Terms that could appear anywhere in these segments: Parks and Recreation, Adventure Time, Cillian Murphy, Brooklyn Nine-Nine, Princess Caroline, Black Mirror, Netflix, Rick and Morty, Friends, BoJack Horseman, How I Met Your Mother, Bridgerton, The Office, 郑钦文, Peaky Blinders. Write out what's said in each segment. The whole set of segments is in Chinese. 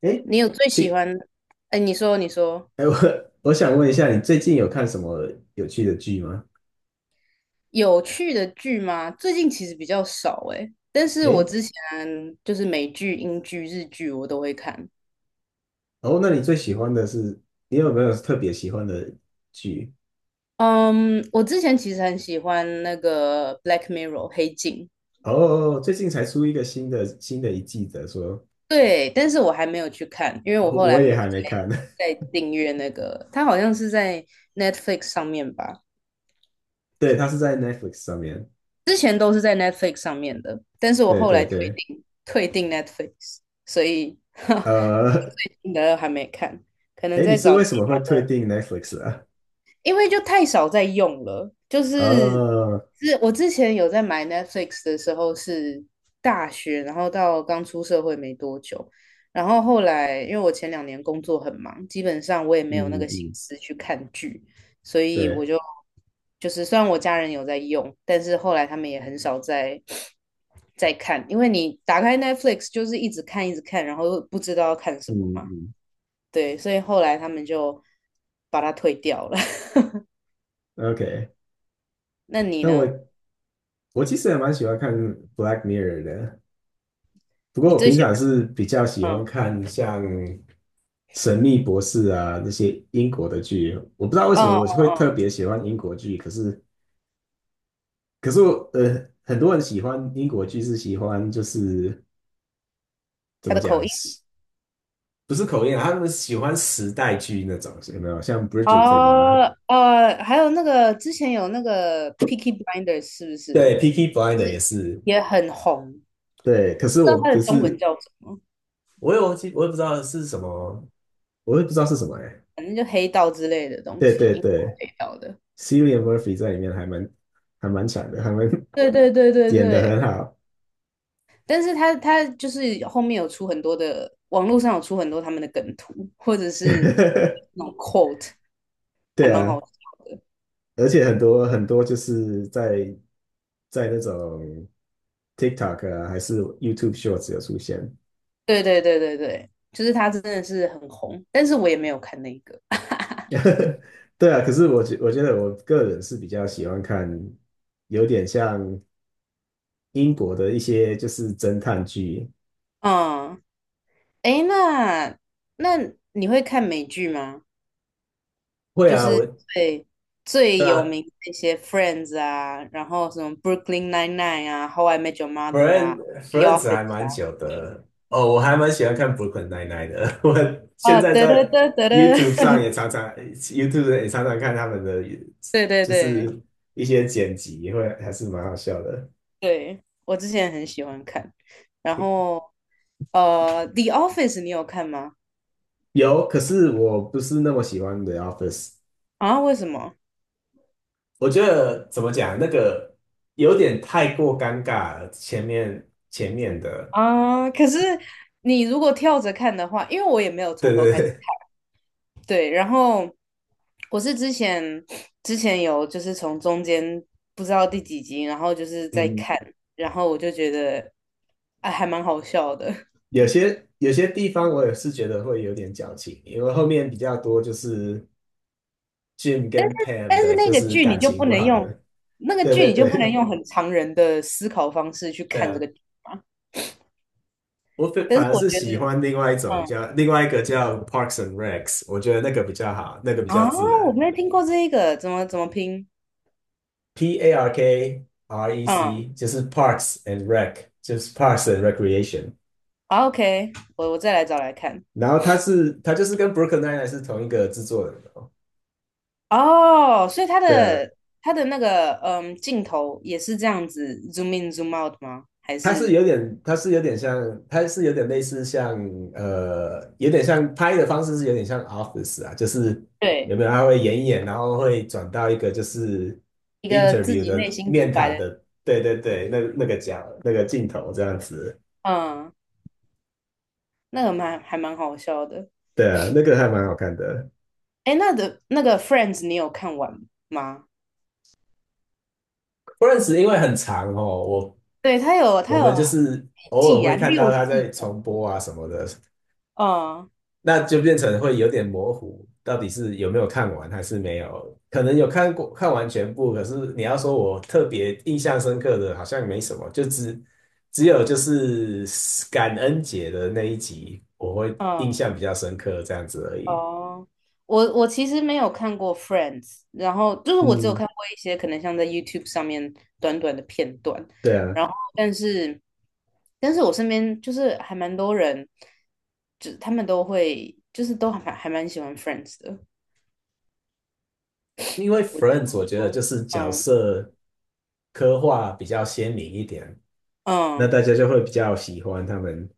哎，你有最喜亲，欢？哎，你说哎，我 我想问一下，你最近有看什么有趣的剧吗？有趣的剧吗？最近其实比较少哎，但是我哎，之前就是美剧、英剧、日剧我都会看。哦，那你最喜欢的是，你有没有特别喜欢的剧？嗯，我之前其实很喜欢那个《Black Mirror》黑镜，哦，最近才出一个新的一季的，说，对，但是我还没有去看，因为我哦后来我没也有还没看。再订阅那个，它好像是在 Netflix 上面吧，对，它是在 Netflix 上面。之前都是在 Netflix 上面的，但是我对后对来退对，订退订 Netflix，所以 呃，新的还没看，可能哎，你在是找为其什么他会退的，订 Netflix 啊？因为就太少在用了。就是哦，是我之前有在买 Netflix 的时候是大学，然后到刚出社会没多久，然后后来因为我前2年工作很忙，基本上我也没有那嗯个心嗯，思去看剧，所以我对，就是虽然我家人有在用，但是后来他们也很少看，因为你打开 Netflix 就是一直看一直看，然后不知道要看什么嘛。嗯对，所以后来他们就把它退掉了。嗯，OK，那你那我呢？我其实也蛮喜欢看《Black Mirror》的。不过你我最平喜常是比较喜欢？欢嗯看像《神秘博士》啊那些英国的剧，我不知道为什么嗯嗯我会特嗯，别喜欢英国剧，可是我很多人喜欢英国剧是喜欢就是怎他么的讲，口音不是口音啊，他们喜欢时代剧那种，有没有？像《Bridgerton》啊，哦还有那个之前有那个《p i c k y b l i n d e r 是不是对，Peaky Blinder 也是，也很红？对，我可不是知道我它的不中文是，叫什么，我也忘记，我也不知道是什么。我也不知道是什么哎、反正就黑道之类的东对西，对英国对黑道的。，Cillian Murphy 在里面还蛮强的，还蛮对对对对演得对，很好，但是他就是后面有出很多的，网络上有出很多他们的梗图，或者是那 种 quote，还对蛮啊，好而且很多很多就是在那种 TikTok 啊，还是 YouTube Shorts 有出现，对对对对对，就是他真的是很红，但是我也没有看那个。对啊，可是我觉得我个人是比较喜欢看，有点像英国的一些就是侦探剧，嗯，诶，那你会看美剧吗？会就啊，我是最最有那 名的一些《Friends》啊，然后什么《Brooklyn Nine-Nine》啊，《How I Met Your Mother》啊，Friend 《The Friends Office》还蛮啊。久的哦，我还蛮喜欢看 Brooklyn Nine-Nine 的。我现哦，在得得在 得得得，YouTube 上也 常常 YouTube 也常常看他们的，对对就对是一些剪辑，会还是蛮好笑的。对，我之前很喜欢看。然后《The Office》你有看吗？有，可是我不是那么喜欢 The Office。啊，为什么？我觉得怎么讲，那个有点太过尴尬了。前面的，啊，可是你如果跳着看的话，因为我也没有对从头对开始，对，对，然后我是之前有就是从中间不知道第几集，然后就是在嗯，看，然后我就觉得啊还蛮好笑的，有些地方我也是觉得会有点矫情，因为后面比较多就是。Jim 但是跟 Pam 但是的那就个是剧你感就情不不能好用的，那个对剧对你就不能对用很常人的思考方式去对看这啊！个剧嘛，我反但是反而我是觉喜得欢嗯另外一个叫 Parkson Rex，我觉得那个比较好，那个比较啊自我然。没有听过这一个，怎么拼？P A R K R E 嗯，C 就是 Parks and Rec，就是 Parks and Recreation。好，OK，我再来找来看。然后他就是跟 Brookeyn Nine 是同一个制作人，哦，哦，所以他对啊。的他的那个镜头也是这样子 zoom in zoom out 吗？还是它是有点类似像，有点像拍的方式是有点像 Office 啊，就是有对没有他会演一演，然后会转到一个就是 一个自 interview 己的内心独面白谈的？的，对对对，那那个角那个镜头这样子，嗯，那个还蛮好笑的。对啊，那个还蛮好看的。哎，那个 Friends 你有看完吗？不认识，因为很长哦，我对，他有他我有们就是几偶尔季会啊？看到六他季在哦。重播啊什么的，嗯那就变成会有点模糊，到底是有没有看完还是没有？可能有看完全部，可是你要说我特别印象深刻的，好像没什么，只有就是感恩节的那一集，我会印嗯。象比较深刻这样子而已。哦，我其实没有看过《Friends》，然后就是我只有嗯，看过一些可能像在 YouTube 上面短短的片段，对啊，然后但是我身边就是还蛮多人，就他们都会就是都还蛮喜欢《Friends》的。因为 我在 Friends 我想觉得就说，是角嗯色刻画比较鲜明一点，那嗯，大家就会比较喜欢他们，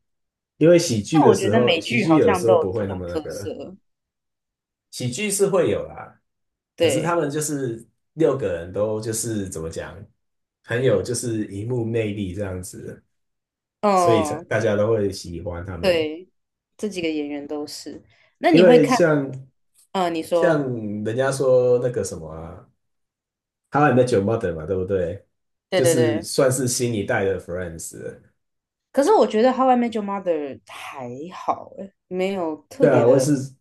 因为喜剧但的我觉时得候，美喜剧剧好有的像时都候有不这会那种么那特个。色，喜剧是会有啦，可是他对，们就是六个人都就是怎么讲，很有就是荧幕魅力这样子，所以才嗯大家都会喜欢他们。对，这几个演员都是。那因你会为看？像嗯，你像说，人家说那个什么啊，《How I Met Your Mother》嘛，对不对？对就对是对。算是新一代的 Friends 了。可是我觉得《How I Met Your Mother》还好欸，没有特对别啊，我也的，是，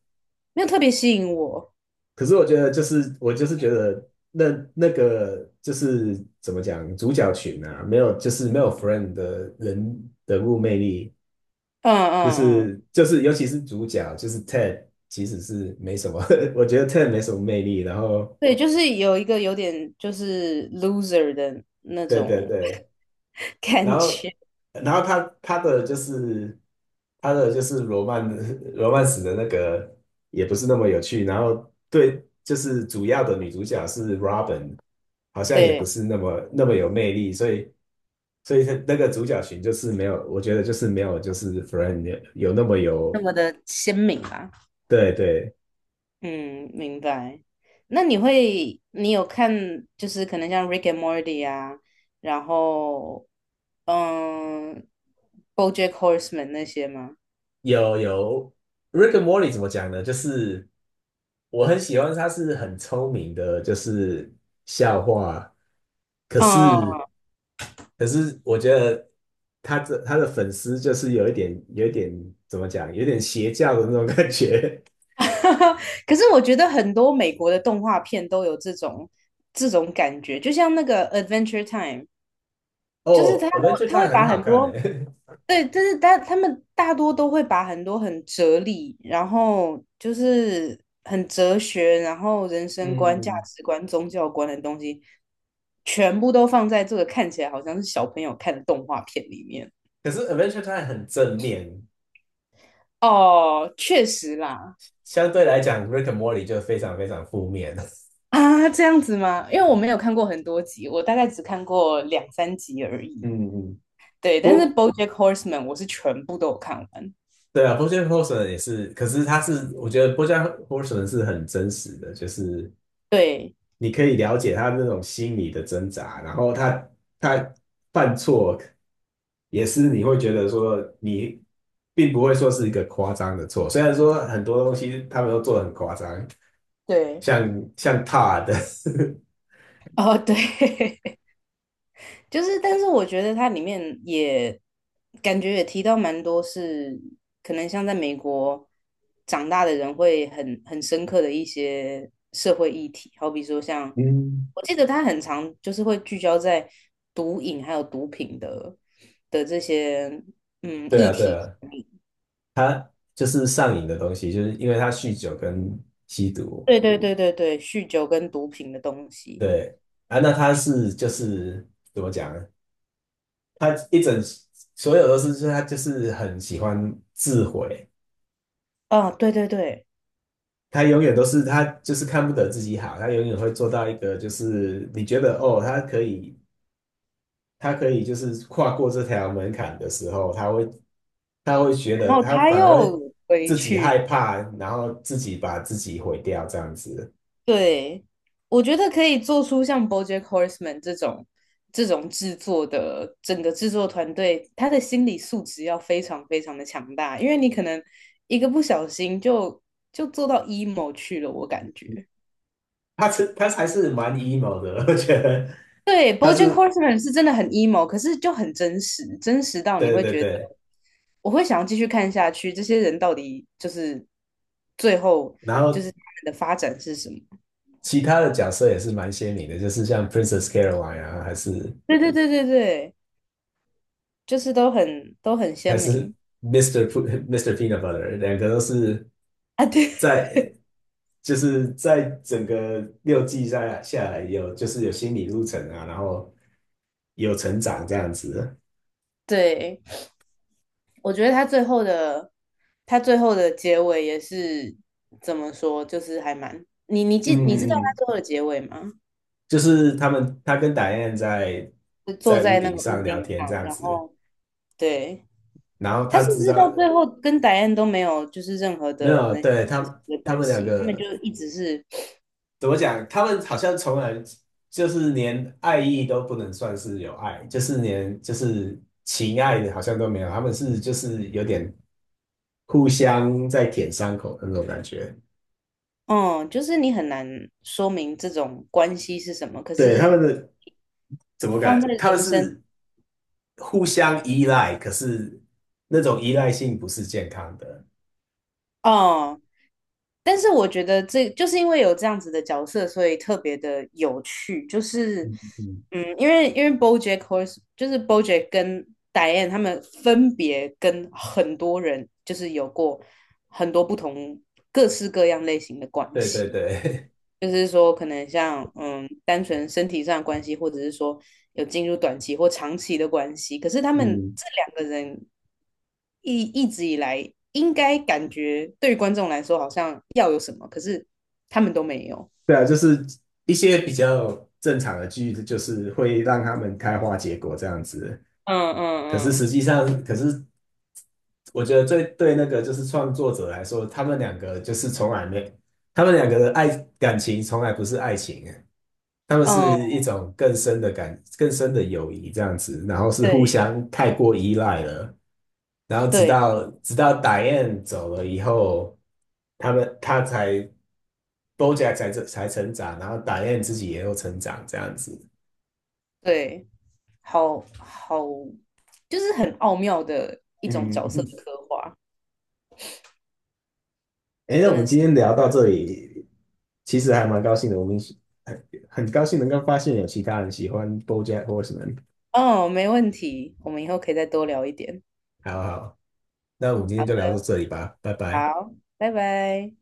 没有特别吸引我。可是我觉得就是我就是觉得那个就是怎么讲，主角群啊，没有 friend 的人物魅力，嗯就嗯嗯，是就是，尤其是主角，就是 Ted，其实是没什么，我觉得 Ted 没什么魅力。然后，对，就是有一个有点就是 loser 的那对对种 对，然感觉，后然后他的就是他的就是罗曼 罗曼史的那个也不是那么有趣。然后对，就是主要的女主角是 Robin，好像也不对，是那么那么有魅力，所以他那个主角群就是没有，我觉得就是没有就是 Friend 有那么那有，么的鲜明啦。对对，嗯，明白。那你会，你有看就是可能像《Rick and Morty》啊，然后嗯，《BoJack Horseman》那些吗？有，Rick and Morty 怎么讲呢？就是我很喜欢，他是很聪明的，就是笑话。可嗯嗯 是可是，我觉得他的粉丝就是有一点怎么讲，有点邪教的那种感觉。可是我觉得很多美国的动画片都有这种感觉，就像那个《Adventure Time》，就是他哦，Adventure 他会 Time 很把好很看呢。多 对，就是他们大多都会把很多很哲理，然后就是很哲学，然后人生观、价嗯，值观、宗教观的东西，全部都放在这个看起来好像是小朋友看的动画片里面。可是 Adventure Time 很正面，哦，确实啦，相对来讲，Rick and Morty 就非常非常负面。啊，这样子吗？因为我没有看过很多集，我大概只看过两三集而已。嗯嗯。对，但是不《BoJack Horseman》我是全部都有看完。对啊，BoJack h o r e 也是，可是他是，我觉得 BoJack Hore 是很真实的，就是对你可以了解他那种心理的挣扎，然后他犯错也是你会觉得说你并不会说是一个夸张的错，虽然说很多东西他们都做的很夸张，对，像 t 的，d 哦对，就是，但是我觉得它里面也感觉也提到蛮多是可能像在美国长大的人会很深刻的一些社会议题，好比说 像嗯，我记得他很常就是会聚焦在毒瘾还有毒品的这些对议啊对题，啊，就是上瘾的东西，就是因为他酗酒跟吸毒，对对对对对，酗酒跟毒品的东西对啊，那他是就是怎么讲？他一整所有都是，就是他就是很喜欢自毁，啊，对对对，他永远都是他就是看不得自己好，他永远会做到一个就是你觉得哦，他可以就是跨过这条门槛的时候，他会觉然得后他他反而会又回自己去害怕，然后自己把自己毁掉这样子，对，我觉得可以做出像 BoJack Horseman 这种制作的整个制作团队，他的心理素质要非常非常的强大，因为你可能一个不小心就做到 emo 去了，我感觉。他还是蛮 emo 的，我觉得对他，BoJack 是 Horseman 是真的很 emo，可是就很真实，真实到你对会对觉得对，我会想要继续看下去，这些人到底就是最后然就是后。他们的发展是什么？其他的角色也是蛮鲜明的，就是像 Princess Caroline 啊，还是对对对对对，就是都很还鲜是 明 Mr. Peanut Butter，两个都是啊，对。在就是在整个6季下来有就是有心理路程啊，然后有成长这样子。对，我觉得他最后的结尾也是怎么说，就是还蛮你你记你知嗯道他嗯，最后的结尾吗？就是他跟打燕在就坐在屋在那顶个屋上聊顶天这上，样然子，后对然后他他是不知是到道最后跟戴安都没有就是任何没的可有，能对他的他关们两系，他们就个一直是怎么讲？他们好像从来就是连爱意都不能算是有爱，就是连就是情爱的好像都没有，他们是就是有点互相在舔伤口的那种感觉。嗯，就是你很难说明这种关系是什么，可对，他是们的怎么放在感？他们人生是互相依赖，可是那种依赖性不是健康的。哦，但是我觉得这就是因为有这样子的角色，所以特别的有趣。就是，嗯嗯，因为 BoJack Horse 就是 BoJack 跟 Diane 他们分别跟很多人就是有过很多不同各式各样类型的关对对系。对，就是说，可能像单纯身体上的关系，或者是说有进入短期或长期的关系。可是他 们嗯，这两个人一直以来，应该感觉对于观众来说好像要有什么，可是他们都没有。对啊，就是一些比较正常的剧，就是会让他们开花结果这样子。嗯可是嗯实际上，可是我觉得最对那个就是创作者来说，他们两个就是从来没，他们两个的感情从来不是爱情欸，他们是嗯嗯，一种更深的友谊这样子，然后是互对相太过依赖了，然后直对到直到 d i 走了以后，他才 BoJack 才成长，然后 d i 自己也有成长这样子。对，好好，就是很奥妙的一种角色嗯，的刻画，哎，那真我的们是。今天聊到这里，其实还蛮高兴的。我们很高兴能够发现有其他人喜欢 BoJack Horseman。哦，没问题，我们以后可以再多聊一点。好好，那我们今天就聊到这里吧，拜拜。好，拜拜。